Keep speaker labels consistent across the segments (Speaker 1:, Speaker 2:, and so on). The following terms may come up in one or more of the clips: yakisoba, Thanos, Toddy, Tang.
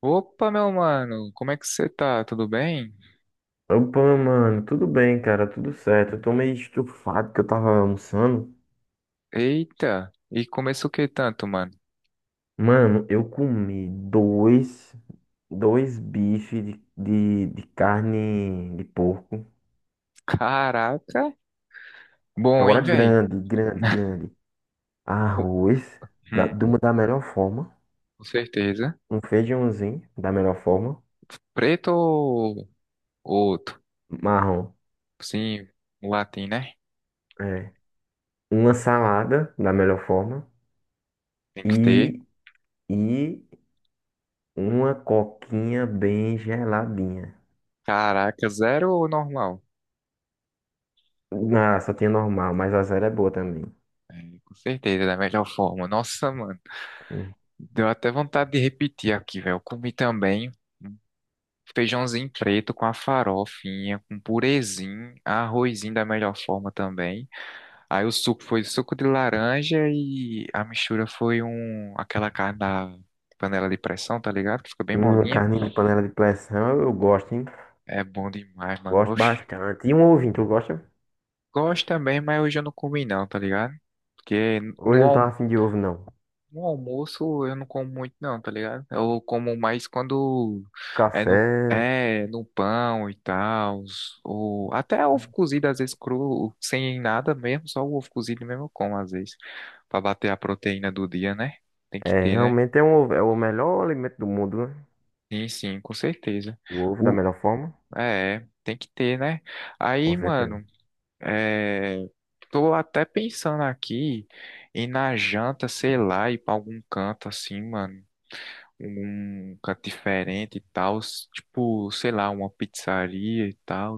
Speaker 1: Opa, meu mano, como é que você tá? Tudo bem?
Speaker 2: Opa, mano, tudo bem, cara, tudo certo. Eu tô meio estufado que eu tava almoçando.
Speaker 1: Eita, e começou o que tanto, mano?
Speaker 2: Mano, eu comi dois bifes de carne de porco.
Speaker 1: Caraca, bom,
Speaker 2: Agora
Speaker 1: hein, velho?
Speaker 2: grande, grande, grande.
Speaker 1: Com
Speaker 2: Arroz,
Speaker 1: hum,
Speaker 2: de uma da melhor forma.
Speaker 1: com certeza.
Speaker 2: Um feijãozinho, da melhor forma.
Speaker 1: Preto ou outro?
Speaker 2: Marrom,
Speaker 1: Sim, um latim, né?
Speaker 2: é. Uma salada, da melhor forma.
Speaker 1: Tem que ter.
Speaker 2: E, e uma coquinha bem geladinha.
Speaker 1: Caraca, zero ou normal?
Speaker 2: Ah, só tinha normal, mas a zero é boa também.
Speaker 1: É, com certeza, da melhor forma. Nossa, mano,
Speaker 2: Hum,
Speaker 1: deu até vontade de repetir aqui, velho. Eu comi também um feijãozinho preto com a farofinha, com purezinho, arrozinho da melhor forma também. Aí o suco foi suco de laranja e a mistura foi um aquela carne da panela de pressão, tá ligado? Que fica bem
Speaker 2: Uma
Speaker 1: molinha.
Speaker 2: carninha de panela de pressão, eu gosto, hein?
Speaker 1: É bom demais, mano.
Speaker 2: Gosto
Speaker 1: Oxi.
Speaker 2: bastante. E um ovinho, tu gosta?
Speaker 1: Gosto também, mas hoje eu não comi não, tá ligado? Porque
Speaker 2: Hoje
Speaker 1: no,
Speaker 2: eu não
Speaker 1: alm-
Speaker 2: tava afim de ovo, não.
Speaker 1: no almoço eu não como muito não, tá ligado? Eu como mais quando
Speaker 2: Café,
Speaker 1: é no pão e tal, ou até ovo cozido às vezes cru, sem nada mesmo, só o ovo cozido mesmo eu como às vezes, pra bater a proteína do dia, né? Tem que
Speaker 2: é,
Speaker 1: ter, né?
Speaker 2: realmente é, um, é o melhor alimento do mundo, né?
Speaker 1: Sim, sim, com certeza.
Speaker 2: O ovo da
Speaker 1: O,
Speaker 2: melhor forma,
Speaker 1: é, tem que ter, né? Aí,
Speaker 2: com certeza.
Speaker 1: mano, é, tô até pensando aqui na janta, sei lá, ir pra algum canto assim, mano. Um canto diferente e tal. Tipo, sei lá, uma pizzaria e tal.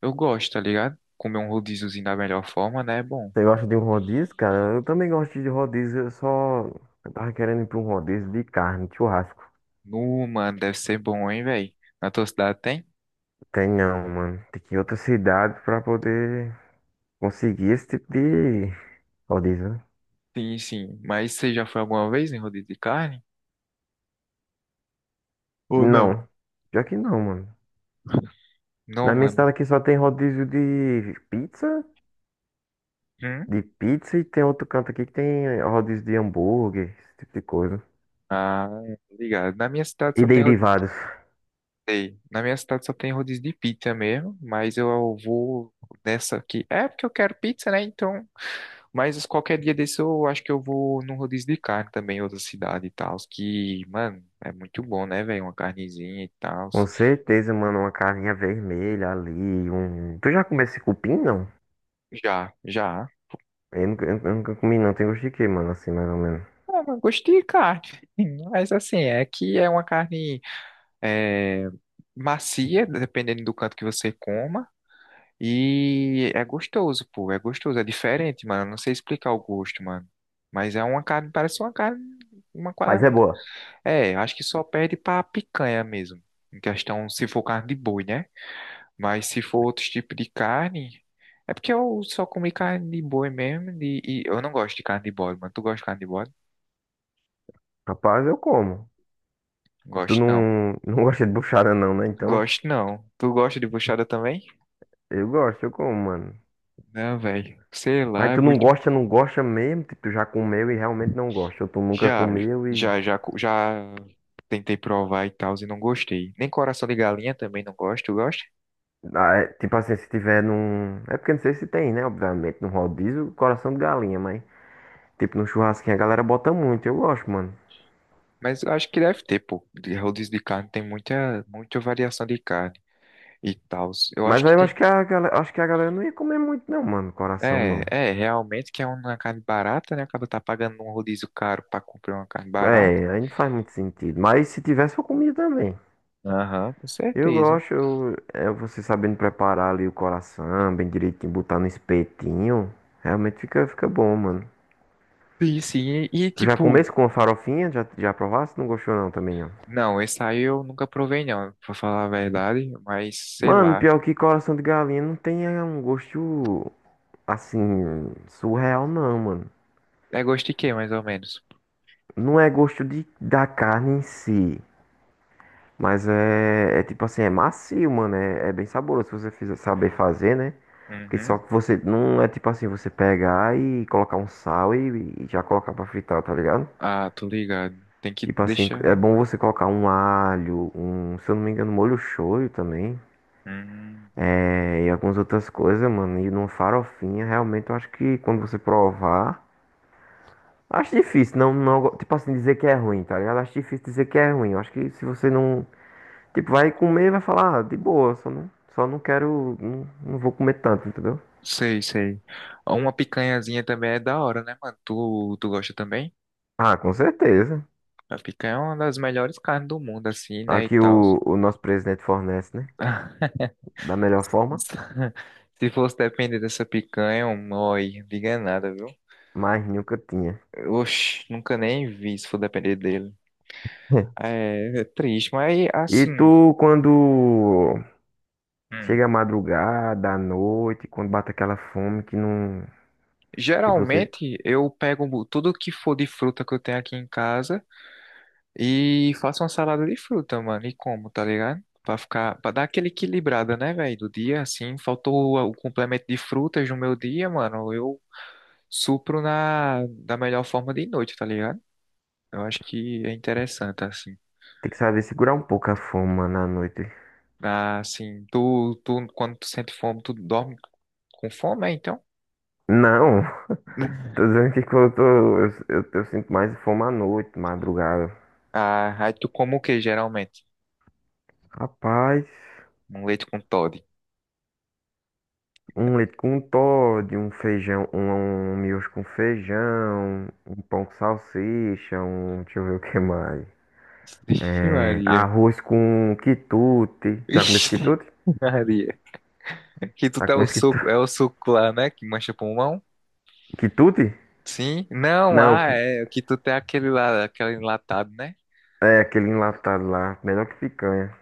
Speaker 1: Eu gosto, tá ligado? Comer um rodíziozinho da melhor forma, né? É bom.
Speaker 2: Você gosta de um rodízio, cara? Eu também gosto de rodízio, eu só... Eu tava querendo ir pra um rodízio de carne, churrasco.
Speaker 1: Nu, mano, deve ser bom, hein, velho? Na tua cidade tem?
Speaker 2: Tem não, mano. Tem que ir em outra cidade pra poder conseguir esse tipo de rodízio, né?
Speaker 1: Sim, sim. Mas você já foi alguma vez em rodízio de carne? Ou não?
Speaker 2: Não, já que não, mano.
Speaker 1: Não,
Speaker 2: Na minha
Speaker 1: mano.
Speaker 2: cidade aqui só tem rodízio de pizza,
Speaker 1: Hum?
Speaker 2: de pizza, e tem outro canto aqui que tem rodízio de hambúrguer, esse tipo de coisa.
Speaker 1: Ah, ligado. Na minha cidade só
Speaker 2: E
Speaker 1: tem rodeio.
Speaker 2: derivados.
Speaker 1: Na minha cidade só tem rodízio de pizza mesmo, mas eu vou nessa aqui. É porque eu quero pizza, né? Então, mas qualquer dia desse eu acho que eu vou num rodízio de carne também, em outra cidade e tal, que, mano, é muito bom, né, velho? Uma carnezinha e tal.
Speaker 2: Com certeza, mano, uma carninha vermelha ali, um... Tu já comeu esse cupim, não?
Speaker 1: Já, já.
Speaker 2: Eu nunca comi, não. Tem gosto de quê, mano, assim, mais ou menos.
Speaker 1: Ah, mas gostei de carne. Mas assim, é que é uma carne é, macia, dependendo do canto que você coma. E é gostoso, pô, é gostoso, é diferente, mano. Não sei explicar o gosto, mano. Mas é uma carne, parece uma carne, uma
Speaker 2: Mas
Speaker 1: qua-
Speaker 2: é boa.
Speaker 1: É, acho que só perde pra picanha mesmo. Em questão, se for carne de boi, né? Mas se for outros tipos de carne, é porque eu só comi carne de boi mesmo. E eu não gosto de carne de bode, mano. Tu gosta de carne de bode?
Speaker 2: Rapaz, eu como. Tu
Speaker 1: Gosto não.
Speaker 2: não, não gosta de buchada não, né? Então,
Speaker 1: Gosto não. Tu gosta de buchada também?
Speaker 2: eu gosto, eu como, mano.
Speaker 1: Não, velho. Sei
Speaker 2: Mas
Speaker 1: lá, é
Speaker 2: tu não
Speaker 1: muito.
Speaker 2: gosta, não gosta mesmo, tipo, tu já comeu e realmente não gosta. Ou tu nunca
Speaker 1: Já,
Speaker 2: comeu e...
Speaker 1: Já tentei provar e tal e não gostei. Nem coração de galinha também não gosto, eu gosto.
Speaker 2: Ah, é, tipo assim, se tiver num... É porque não sei se tem, né? Obviamente, num rodízio, coração de galinha, mas... Tipo, num churrasquinho a galera bota muito, eu gosto, mano.
Speaker 1: Mas eu acho que deve ter, pô. De rodízio de carne tem muita variação de carne e tal. Eu
Speaker 2: Mas
Speaker 1: acho
Speaker 2: aí
Speaker 1: que
Speaker 2: eu acho
Speaker 1: tem.
Speaker 2: que a galera, acho que a galera não ia comer muito, não, mano, coração não.
Speaker 1: Realmente que é uma carne barata, né? Acaba tá pagando um rodízio caro pra comprar uma carne barata.
Speaker 2: É, aí não faz muito sentido. Mas se tivesse, eu comia também.
Speaker 1: Aham, com
Speaker 2: Eu
Speaker 1: certeza.
Speaker 2: gosto, eu, é, você sabendo preparar ali o coração, bem direitinho, botar no espetinho. Realmente fica bom, mano.
Speaker 1: E sim, e, e,
Speaker 2: Já
Speaker 1: tipo,
Speaker 2: comesse com a farofinha? Já, já provasse? Não gostou, não, também, ó.
Speaker 1: não, esse aí eu nunca provei, não, pra falar a verdade, mas sei
Speaker 2: Mano,
Speaker 1: lá.
Speaker 2: pior que coração de galinha não tem é, um gosto assim surreal não, mano.
Speaker 1: É gosto de quê, mais ou menos?
Speaker 2: Não é gosto de, da carne em si, mas é, é tipo assim, é macio, mano. É, é bem saboroso se você fizer, saber fazer, né? Porque
Speaker 1: Uhum.
Speaker 2: só que você não é tipo assim, você pegar e colocar um sal e já colocar pra fritar, tá ligado?
Speaker 1: Ah, tô ligado. Tem que
Speaker 2: Tipo assim, é
Speaker 1: deixar.
Speaker 2: bom você colocar um alho, um, se eu não me engano, molho shoyu também,
Speaker 1: Hum,
Speaker 2: é, e algumas outras coisas, mano. E numa farofinha, realmente eu acho que quando você provar... Acho difícil, não, não, tipo assim, dizer que é ruim, tá ligado? Acho difícil dizer que é ruim. Eu acho que se você não, tipo, vai comer, vai falar, ah, de boa, só não quero, não, não vou comer tanto, entendeu?
Speaker 1: sei. Uma picanhazinha também é da hora, né, mano? Tu gosta também?
Speaker 2: Ah, com certeza.
Speaker 1: A picanha é uma das melhores carnes do mundo, assim, né, e
Speaker 2: Aqui
Speaker 1: tal.
Speaker 2: o nosso presidente fornece, né? Da melhor forma,
Speaker 1: Se fosse depender dessa picanha, é um oi, diga nada, viu?
Speaker 2: mas nunca tinha.
Speaker 1: Oxi, nunca nem vi se for depender dele. É, é triste, mas
Speaker 2: E
Speaker 1: assim,
Speaker 2: tu, quando
Speaker 1: hum,
Speaker 2: chega a madrugada, à noite, quando bate aquela fome que não, que você
Speaker 1: geralmente eu pego tudo que for de fruta que eu tenho aqui em casa. E faço uma salada de fruta, mano. E como, tá ligado? Pra ficar, pra dar aquele equilibrada, né, velho? Do dia, assim, faltou o complemento de frutas no meu dia, mano. Eu supro na, da melhor forma de noite, tá ligado? Eu acho que é interessante, assim.
Speaker 2: tem que saber segurar um pouco a fome, mano, à noite.
Speaker 1: Ah, assim, tu, quando tu sente fome, tu dorme com fome, é, então?
Speaker 2: Não, tô dizendo que quando eu tô... Eu sinto mais fome à noite, madrugada.
Speaker 1: Ah, aí tu como o que, geralmente?
Speaker 2: Rapaz,
Speaker 1: Um leite com Toddy.
Speaker 2: um leite com Toddy, um feijão, um miojo com feijão, um pão com salsicha, um... Deixa eu ver o que mais.
Speaker 1: Ixi,
Speaker 2: É,
Speaker 1: Maria.
Speaker 2: arroz com quitute. Já comeu esse
Speaker 1: Ixi,
Speaker 2: quitute?
Speaker 1: Maria. Que tu
Speaker 2: Já
Speaker 1: tá
Speaker 2: comeu
Speaker 1: o
Speaker 2: esse quitute?
Speaker 1: suco, é o suco lá, né? Que mancha pulmão.
Speaker 2: Quitute?
Speaker 1: Sim? Não,
Speaker 2: Não,
Speaker 1: ah,
Speaker 2: que,
Speaker 1: é. O que tu tem aquele lá, aquele enlatado, né?
Speaker 2: é aquele enlatado lá. Melhor que picanha.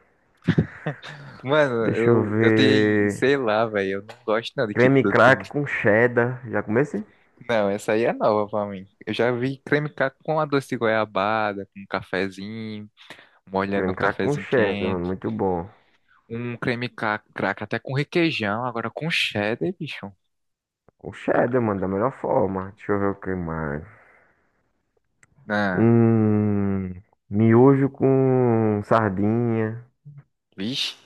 Speaker 1: Mano,
Speaker 2: Deixa eu
Speaker 1: eu tenho,
Speaker 2: ver.
Speaker 1: sei lá, velho, eu não gosto não de
Speaker 2: Creme
Speaker 1: quituto.
Speaker 2: crack com cheddar. Já comeu esse?
Speaker 1: Não, essa aí é nova pra mim. Eu já vi creme ca- com a doce de goiabada, com um cafezinho, molhando o
Speaker 2: Creme crack com
Speaker 1: cafezinho
Speaker 2: cheddar, mano.
Speaker 1: quente.
Speaker 2: Muito bom.
Speaker 1: Um creme ca- crack até com requeijão, agora com cheddar, bicho.
Speaker 2: O cheddar,
Speaker 1: Ah,
Speaker 2: mano, da melhor forma. Deixa eu ver o que mais.
Speaker 1: não.
Speaker 2: Hum, miojo com sardinha,
Speaker 1: Vixe,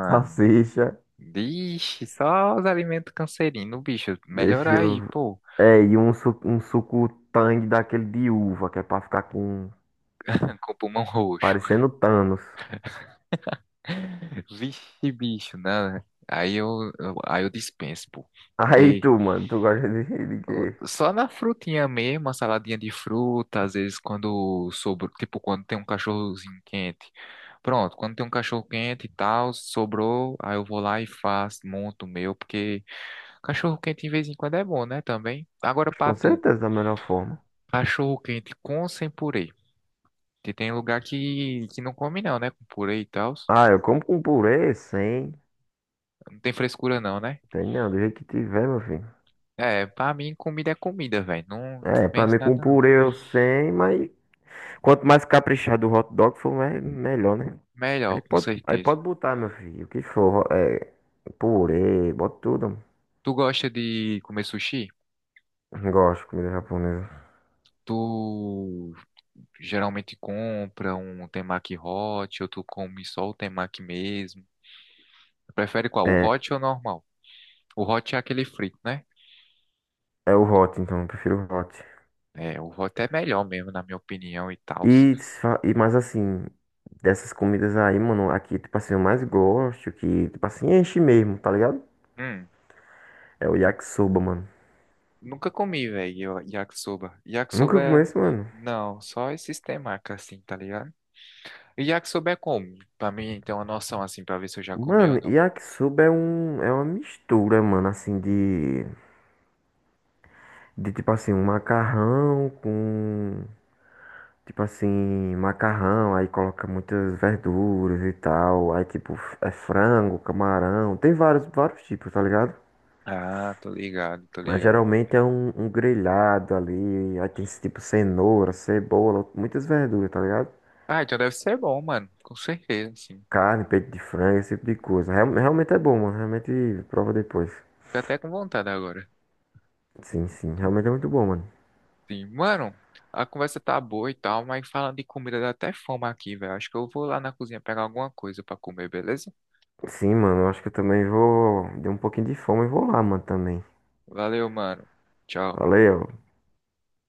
Speaker 2: salsicha.
Speaker 1: Vixe, só os alimentos cancerinos, bicho.
Speaker 2: Deixa
Speaker 1: Melhorar
Speaker 2: eu...
Speaker 1: aí, pô.
Speaker 2: É, e um, um suco tang daquele de uva, que é pra ficar com...
Speaker 1: Com pulmão roxo.
Speaker 2: parecendo Thanos.
Speaker 1: Vixe, bicho, né? Aí eu dispenso, pô.
Speaker 2: Aí
Speaker 1: Porque
Speaker 2: tu, mano, tu gosta de quê?
Speaker 1: só na frutinha mesmo, uma saladinha de fruta, às vezes quando sobrou, tipo quando tem um cachorrozinho quente. Pronto, quando tem um cachorro quente e tal, sobrou, aí eu vou lá e faço, monto o meu, porque cachorro quente de vez em quando é bom, né, também. Agora pra
Speaker 2: Com
Speaker 1: tu,
Speaker 2: certeza da melhor forma.
Speaker 1: cachorro quente com ou sem purê? Porque tem lugar que não come não, né, com purê e tal.
Speaker 2: Ah, eu como com purê, sem.
Speaker 1: Não tem frescura não, né?
Speaker 2: Tem não, do jeito que tiver, meu filho.
Speaker 1: É, pra mim comida é comida, velho. Não
Speaker 2: É, pra
Speaker 1: penso
Speaker 2: mim com
Speaker 1: nada não.
Speaker 2: purê eu sem, mas quanto mais caprichado o hot dog for, melhor, né?
Speaker 1: Melhor, com
Speaker 2: Aí
Speaker 1: certeza.
Speaker 2: pode botar, meu filho, o que for. É, purê, bota tudo.
Speaker 1: Tu gosta de comer sushi?
Speaker 2: Gosto de comida japonesa.
Speaker 1: Tu geralmente compra um temaki hot ou tu come só o temaki mesmo? Prefere qual? O
Speaker 2: É,
Speaker 1: hot ou o normal? O hot é aquele frito, né?
Speaker 2: é o hot, então, eu prefiro o hot.
Speaker 1: É, o hot é melhor mesmo, na minha opinião e tal.
Speaker 2: E, se fa- e mais assim, dessas comidas aí, mano, aqui, tipo assim, eu mais gosto, que, tipo assim, enche mesmo, tá ligado?
Speaker 1: Hum,
Speaker 2: É o yakisoba, mano.
Speaker 1: nunca comi, velho, yakisoba. Yakisoba
Speaker 2: Nunca comi
Speaker 1: é...
Speaker 2: esse, mano.
Speaker 1: Não, só esses temaki assim, tá ligado? E já que souber como, pra mim ter uma noção assim, pra ver se eu já comi
Speaker 2: Mano,
Speaker 1: ou não.
Speaker 2: yakisoba é um, é uma mistura, mano, assim, de tipo assim, um macarrão com... Tipo assim, macarrão, aí coloca muitas verduras e tal. Aí tipo, é frango, camarão. Tem vários tipos, tá ligado?
Speaker 1: Ah, tô
Speaker 2: Mas
Speaker 1: ligado.
Speaker 2: geralmente é um, um grelhado ali. Aí tem tipo cenoura, cebola, muitas verduras, tá ligado?
Speaker 1: Ah, então deve ser bom, mano, com certeza, sim.
Speaker 2: Carne, peito de frango, esse tipo de coisa. Realmente é bom, mano. Realmente prova depois.
Speaker 1: Tô até com vontade agora.
Speaker 2: Sim, sim. Realmente é muito bom, mano.
Speaker 1: Sim, mano, a conversa tá boa e tal, mas falando de comida dá até fome aqui, velho. Acho que eu vou lá na cozinha pegar alguma coisa pra comer, beleza?
Speaker 2: Sim, mano. Eu acho que eu também vou. Deu um pouquinho de fome e vou lá, mano, também.
Speaker 1: Valeu, mano. Tchau.
Speaker 2: Valeu.